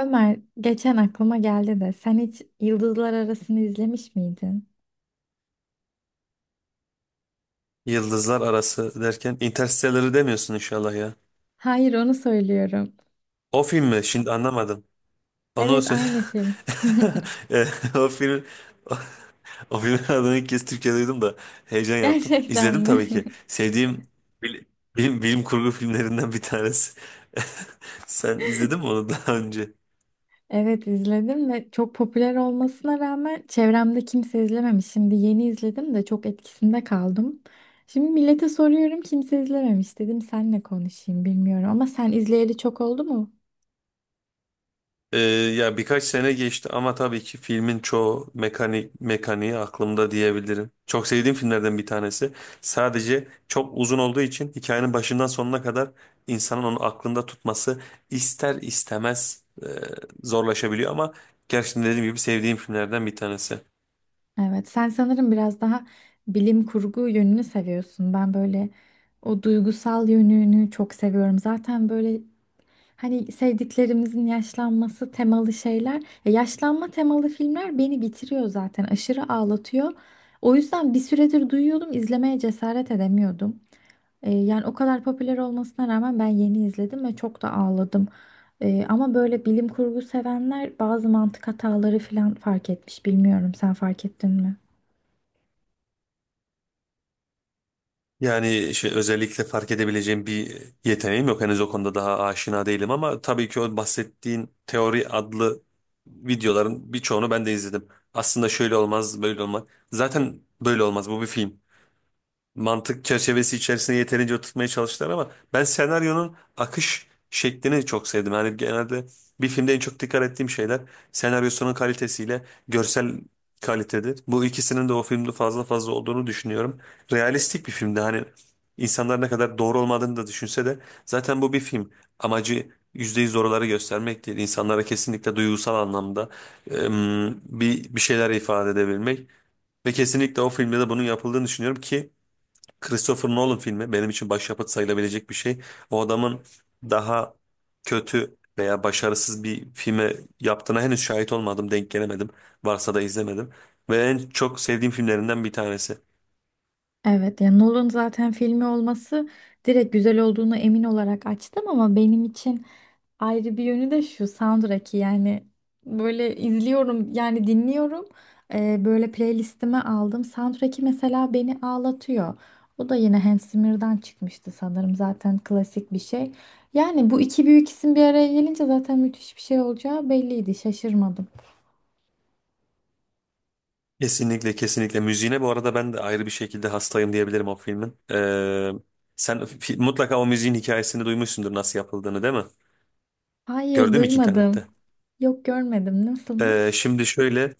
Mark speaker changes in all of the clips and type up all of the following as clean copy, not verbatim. Speaker 1: Ömer, geçen aklıma geldi de sen hiç Yıldızlar Arası'nı izlemiş miydin?
Speaker 2: Yıldızlar Arası derken Interstellar'ı demiyorsun inşallah ya.
Speaker 1: Hayır, onu söylüyorum.
Speaker 2: O film mi? Şimdi anlamadım. Onu
Speaker 1: Evet,
Speaker 2: sö-
Speaker 1: aynı film.
Speaker 2: E, o film o filmin adını ilk kez Türkçe duydum da heyecan yaptım.
Speaker 1: Gerçekten
Speaker 2: İzledim
Speaker 1: mi?
Speaker 2: tabii ki. Sevdiğim bil- bilim, bilim kurgu filmlerinden bir tanesi. Sen izledin mi onu daha önce?
Speaker 1: Evet izledim ve çok popüler olmasına rağmen çevremde kimse izlememiş. Şimdi yeni izledim de çok etkisinde kaldım. Şimdi millete soruyorum, kimse izlememiş dedim, senle konuşayım bilmiyorum ama sen izleyeli çok oldu mu?
Speaker 2: Ee, ya birkaç sene geçti ama tabii ki filmin çoğu mekaniği aklımda diyebilirim. Çok sevdiğim filmlerden bir tanesi. Sadece çok uzun olduğu için hikayenin başından sonuna kadar insanın onu aklında tutması ister istemez zorlaşabiliyor ama gerçekten dediğim gibi sevdiğim filmlerden bir tanesi.
Speaker 1: Evet, sen sanırım biraz daha bilim kurgu yönünü seviyorsun. Ben böyle o duygusal yönünü çok seviyorum. Zaten böyle hani sevdiklerimizin yaşlanması temalı şeyler, ya yaşlanma temalı filmler beni bitiriyor zaten. Aşırı ağlatıyor. O yüzden bir süredir duyuyordum, izlemeye cesaret edemiyordum. Yani o kadar popüler olmasına rağmen ben yeni izledim ve çok da ağladım. Ama böyle bilim kurgu sevenler bazı mantık hataları falan fark etmiş. Bilmiyorum, sen fark ettin mi?
Speaker 2: Yani şey, özellikle fark edebileceğim bir yeteneğim yok. Henüz o konuda daha aşina değilim ama tabii ki o bahsettiğin teori adlı videoların birçoğunu ben de izledim. Aslında şöyle olmaz, böyle olmaz. Zaten böyle olmaz. Bu bir film mantık çerçevesi içerisinde yeterince oturtmaya çalıştılar ama ben senaryonun akış şeklini çok sevdim. Yani genelde bir filmde en çok dikkat ettiğim şeyler senaryosunun kalitesiyle görsel kalitedir. Bu ikisinin de o filmde fazla fazla olduğunu düşünüyorum. Realistik bir filmdi. Hani insanlar ne kadar doğru olmadığını da düşünse de zaten bu bir film. Amacı %100 oraları göstermek değil. İnsanlara kesinlikle duygusal anlamda bir şeyler ifade edebilmek. Ve kesinlikle o filmde de bunun yapıldığını düşünüyorum ki Christopher Nolan filmi benim için başyapıt sayılabilecek bir şey. O adamın daha kötü veya başarısız bir filme yaptığına henüz şahit olmadım, denk gelemedim. Varsa da izlemedim. Ve en çok sevdiğim filmlerinden bir tanesi.
Speaker 1: Evet ya, Nolan zaten filmi olması direkt güzel olduğunu emin olarak açtım ama benim için ayrı bir yönü de şu soundtrack'i. Yani böyle izliyorum, yani dinliyorum. Böyle playlistime aldım soundtrack'i, mesela beni ağlatıyor. O da yine Hans Zimmer'dan çıkmıştı sanırım, zaten klasik bir şey. Yani bu iki büyük isim bir araya gelince zaten müthiş bir şey olacağı belliydi, şaşırmadım.
Speaker 2: Kesinlikle kesinlikle. Müziğine bu arada ben de ayrı bir şekilde hastayım diyebilirim o filmin. Mutlaka o müziğin hikayesini duymuşsundur nasıl yapıldığını, değil mi?
Speaker 1: Hayır,
Speaker 2: Gördün mü hiç internette?
Speaker 1: duymadım, yok görmedim, nasılmış?
Speaker 2: Şimdi şöyle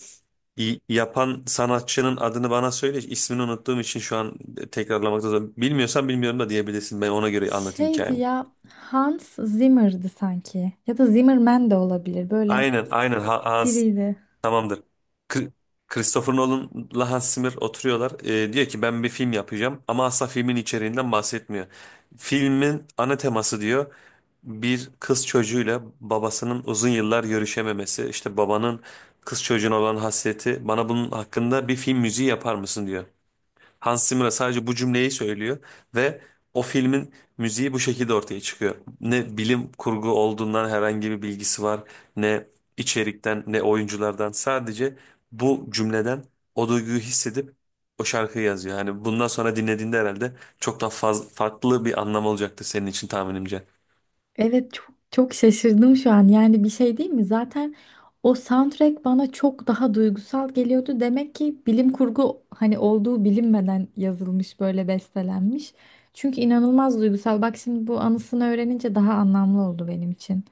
Speaker 2: yapan sanatçının adını bana söyle. İsmini unuttuğum için şu an tekrarlamakta zor. Bilmiyorsan bilmiyorum da diyebilirsin. Ben ona göre anlatayım
Speaker 1: Şeydi
Speaker 2: hikayemi.
Speaker 1: ya, Hans Zimmer'dı sanki. Ya da Zimmerman de olabilir. Böyle
Speaker 2: Aynen aynen Hans,
Speaker 1: biriydi.
Speaker 2: tamamdır. Kri- Christopher Nolan'la Hans Zimmer oturuyorlar. Diyor ki ben bir film yapacağım ama asla filmin içeriğinden bahsetmiyor. Filmin ana teması diyor, bir kız çocuğuyla babasının uzun yıllar görüşememesi. İşte babanın kız çocuğuna olan hasreti. Bana bunun hakkında bir film müziği yapar mısın diyor. Hans Zimmer sadece bu cümleyi söylüyor ve o filmin müziği bu şekilde ortaya çıkıyor. Ne bilim kurgu olduğundan herhangi bir bilgisi var, ne içerikten, ne oyunculardan. Sadece bu cümleden o duyguyu hissedip o şarkıyı yazıyor. Yani bundan sonra dinlediğinde herhalde çok daha farklı bir anlam olacaktır senin için tahminimce.
Speaker 1: Evet, çok çok şaşırdım şu an. Yani bir şey değil mi? Zaten o soundtrack bana çok daha duygusal geliyordu. Demek ki bilim kurgu hani olduğu bilinmeden yazılmış, böyle bestelenmiş. Çünkü inanılmaz duygusal. Bak şimdi bu anısını öğrenince daha anlamlı oldu benim için.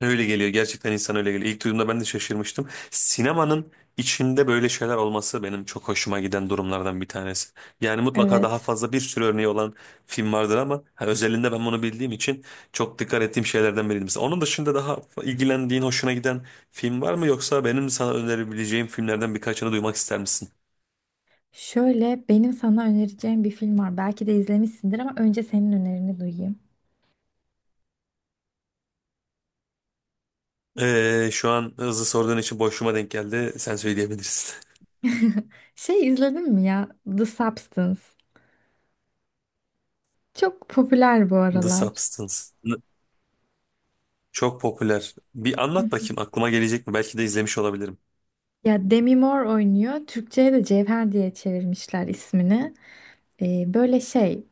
Speaker 2: Öyle geliyor. Gerçekten insan öyle geliyor. İlk duyduğumda ben de şaşırmıştım. Sinemanın içinde böyle şeyler olması benim çok hoşuma giden durumlardan bir tanesi. Yani mutlaka daha
Speaker 1: Evet.
Speaker 2: fazla bir sürü örneği olan film vardır ama ha, özelinde ben bunu bildiğim için çok dikkat ettiğim şeylerden biriydi. Mesela onun dışında daha ilgilendiğin, hoşuna giden film var mı? Yoksa benim sana önerebileceğim filmlerden birkaçını duymak ister misin?
Speaker 1: Şöyle, benim sana önereceğim bir film var. Belki de izlemişsindir ama önce senin önerini duyayım.
Speaker 2: Şu an hızlı sorduğun için boşluğuma denk geldi. Sen söyleyebilirsin.
Speaker 1: Şey, izledin mi ya? The Substance. Çok popüler bu
Speaker 2: The
Speaker 1: aralar.
Speaker 2: Substance. Çok popüler. Bir
Speaker 1: Hı
Speaker 2: anlat
Speaker 1: hı.
Speaker 2: bakayım aklıma gelecek mi? Belki de izlemiş olabilirim.
Speaker 1: Ya, Demi Moore oynuyor. Türkçe'ye de Cevher diye çevirmişler ismini. Böyle şey,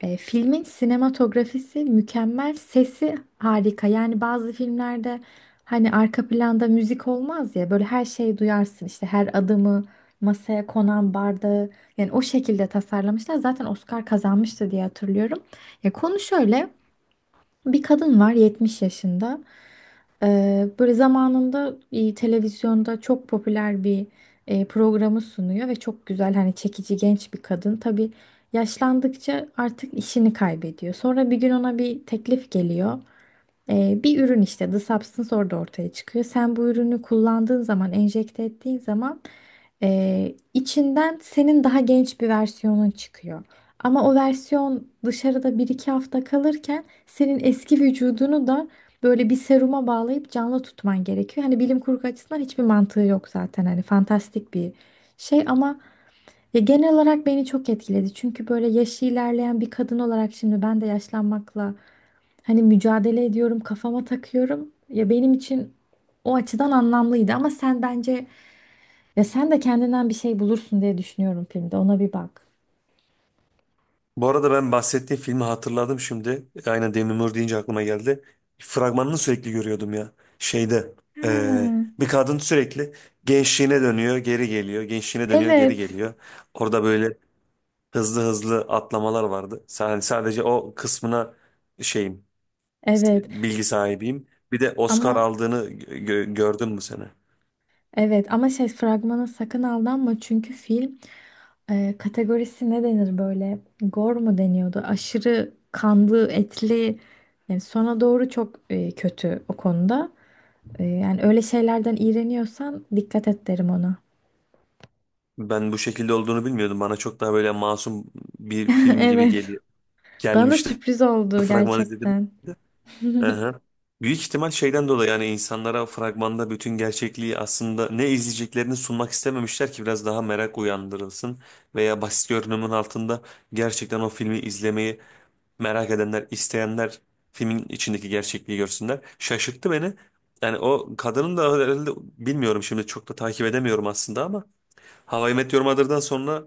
Speaker 1: e, filmin sinematografisi mükemmel, sesi harika. Yani bazı filmlerde hani arka planda müzik olmaz ya, böyle her şeyi duyarsın. İşte her adımı, masaya konan bardağı. Yani o şekilde tasarlamışlar. Zaten Oscar kazanmıştı diye hatırlıyorum. Ya konu şöyle. Bir kadın var, 70 yaşında. Böyle zamanında televizyonda çok popüler bir programı sunuyor ve çok güzel, hani çekici, genç bir kadın. Tabii yaşlandıkça artık işini kaybediyor. Sonra bir gün ona bir teklif geliyor. Bir ürün, işte The Substance orada ortaya çıkıyor. Sen bu ürünü kullandığın zaman, enjekte ettiğin zaman içinden senin daha genç bir versiyonun çıkıyor. Ama o versiyon dışarıda bir iki hafta kalırken senin eski vücudunu da böyle bir seruma bağlayıp canlı tutman gerekiyor. Hani bilim kurgu açısından hiçbir mantığı yok zaten. Hani fantastik bir şey ama ya, genel olarak beni çok etkiledi. Çünkü böyle yaşı ilerleyen bir kadın olarak şimdi ben de yaşlanmakla hani mücadele ediyorum, kafama takıyorum. Ya benim için o açıdan anlamlıydı ama sen bence, ya sen de kendinden bir şey bulursun diye düşünüyorum filmde. Ona bir bak.
Speaker 2: Bu arada ben bahsettiğim filmi hatırladım şimdi. Aynen Demi Moore deyince aklıma geldi. Fragmanını sürekli görüyordum ya. Şeyde
Speaker 1: Ha.
Speaker 2: bir kadın sürekli gençliğine dönüyor, geri geliyor. Gençliğine dönüyor, geri
Speaker 1: Evet.
Speaker 2: geliyor. Orada böyle hızlı hızlı atlamalar vardı. Yani sadece o kısmına şeyim,
Speaker 1: Evet.
Speaker 2: bilgi sahibiyim. Bir de Oscar
Speaker 1: Ama
Speaker 2: aldığını gördün mü sen?
Speaker 1: evet, ama şey, fragmana sakın aldanma çünkü film, kategorisi ne denir böyle? Gore mu deniyordu? Aşırı kanlı, etli. Yani sona doğru çok kötü o konuda. Yani öyle şeylerden iğreniyorsan dikkat et derim ona.
Speaker 2: Ben bu şekilde olduğunu bilmiyordum. Bana çok daha böyle masum bir film gibi
Speaker 1: Evet.
Speaker 2: geliyor.
Speaker 1: Bana da
Speaker 2: Gelmişti.
Speaker 1: sürpriz oldu
Speaker 2: Fragmanı izledim.
Speaker 1: gerçekten.
Speaker 2: Aha. Büyük ihtimal şeyden dolayı yani insanlara fragmanda bütün gerçekliği aslında ne izleyeceklerini sunmak istememişler ki biraz daha merak uyandırılsın. Veya basit görünümün altında gerçekten o filmi izlemeyi merak edenler, isteyenler filmin içindeki gerçekliği görsünler. Şaşırttı beni. Yani o kadının da herhalde bilmiyorum şimdi çok da takip edemiyorum aslında ama How I Met Your Mother'dan sonra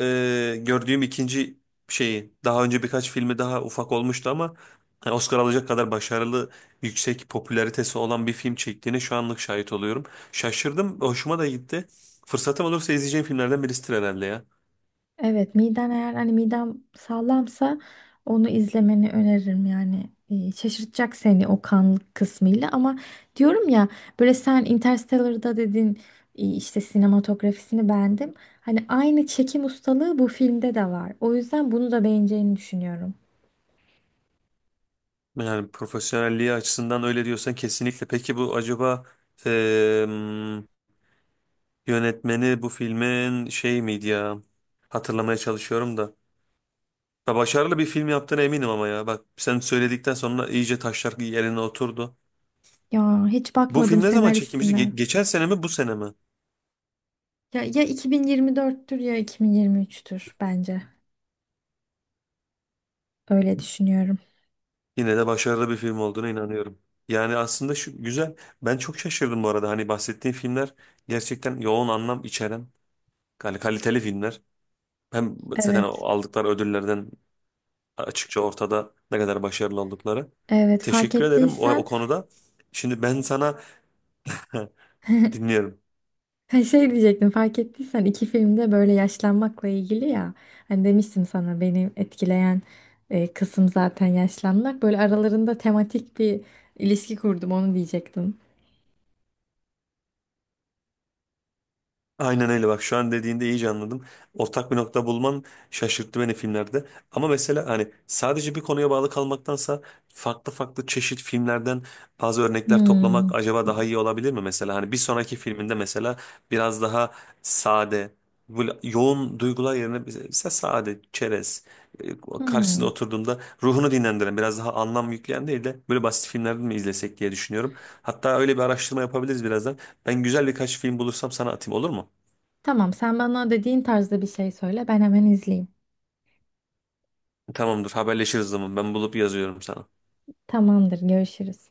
Speaker 2: gördüğüm ikinci şeyi. Daha önce birkaç filmi daha ufak olmuştu ama hani Oscar alacak kadar başarılı, yüksek popülaritesi olan bir film çektiğine şu anlık şahit oluyorum. Şaşırdım, hoşuma da gitti. Fırsatım olursa izleyeceğim filmlerden birisidir herhalde ya.
Speaker 1: Evet, miden, eğer hani midem sağlamsa onu izlemeni öneririm. Yani şaşırtacak seni o kan kısmıyla ama diyorum ya, böyle sen Interstellar'da dedin, işte sinematografisini beğendim. Hani aynı çekim ustalığı bu filmde de var. O yüzden bunu da beğeneceğini düşünüyorum.
Speaker 2: Yani profesyonelliği açısından öyle diyorsan kesinlikle. Peki bu acaba e, yönetmeni bu filmin şey miydi ya? Hatırlamaya çalışıyorum da. Ya başarılı bir film yaptığına eminim ama ya. Bak sen söyledikten sonra iyice taşlar yerine oturdu.
Speaker 1: Ya hiç
Speaker 2: Bu
Speaker 1: bakmadım
Speaker 2: film ne zaman çekilmişti?
Speaker 1: senaristine.
Speaker 2: Geçen sene mi bu sene mi?
Speaker 1: Ya ya 2024'tür ya 2023'tür bence. Öyle düşünüyorum.
Speaker 2: Yine de başarılı bir film olduğuna inanıyorum. Yani aslında şu güzel. Ben çok şaşırdım bu arada. Hani bahsettiğim filmler gerçekten yoğun anlam içeren yani kaliteli filmler. Hem zaten
Speaker 1: Evet.
Speaker 2: aldıkları ödüllerden açıkça ortada ne kadar başarılı oldukları.
Speaker 1: Evet, fark
Speaker 2: Teşekkür ederim o
Speaker 1: ettiysen,
Speaker 2: konuda. Şimdi ben sana dinliyorum.
Speaker 1: ha, şey diyecektim, fark ettiysen iki filmde böyle yaşlanmakla ilgili ya. Hani demiştim sana benim etkileyen kısım zaten yaşlanmak. Böyle aralarında tematik bir ilişki kurdum, onu diyecektim.
Speaker 2: Aynen öyle bak şu an dediğinde iyice anladım. Ortak bir nokta bulman şaşırttı beni filmlerde. Ama mesela hani sadece bir konuya bağlı kalmaktansa farklı farklı çeşit filmlerden bazı örnekler
Speaker 1: Hmm,
Speaker 2: toplamak acaba daha iyi olabilir mi? Mesela hani bir sonraki filminde mesela biraz daha sade, böyle yoğun duygular yerine mesela sade, çerez, e, karşısında
Speaker 1: hmm.
Speaker 2: oturduğunda ruhunu dinlendiren biraz daha anlam yükleyen değil de böyle basit filmlerden mi izlesek diye düşünüyorum. Hatta öyle bir araştırma yapabiliriz birazdan. Ben güzel birkaç film bulursam sana atayım, olur mu?
Speaker 1: Tamam, sen bana dediğin tarzda bir şey söyle, ben hemen izleyeyim.
Speaker 2: Tamamdır, haberleşiriz zaman. Ben bulup yazıyorum sana.
Speaker 1: Tamamdır, görüşürüz.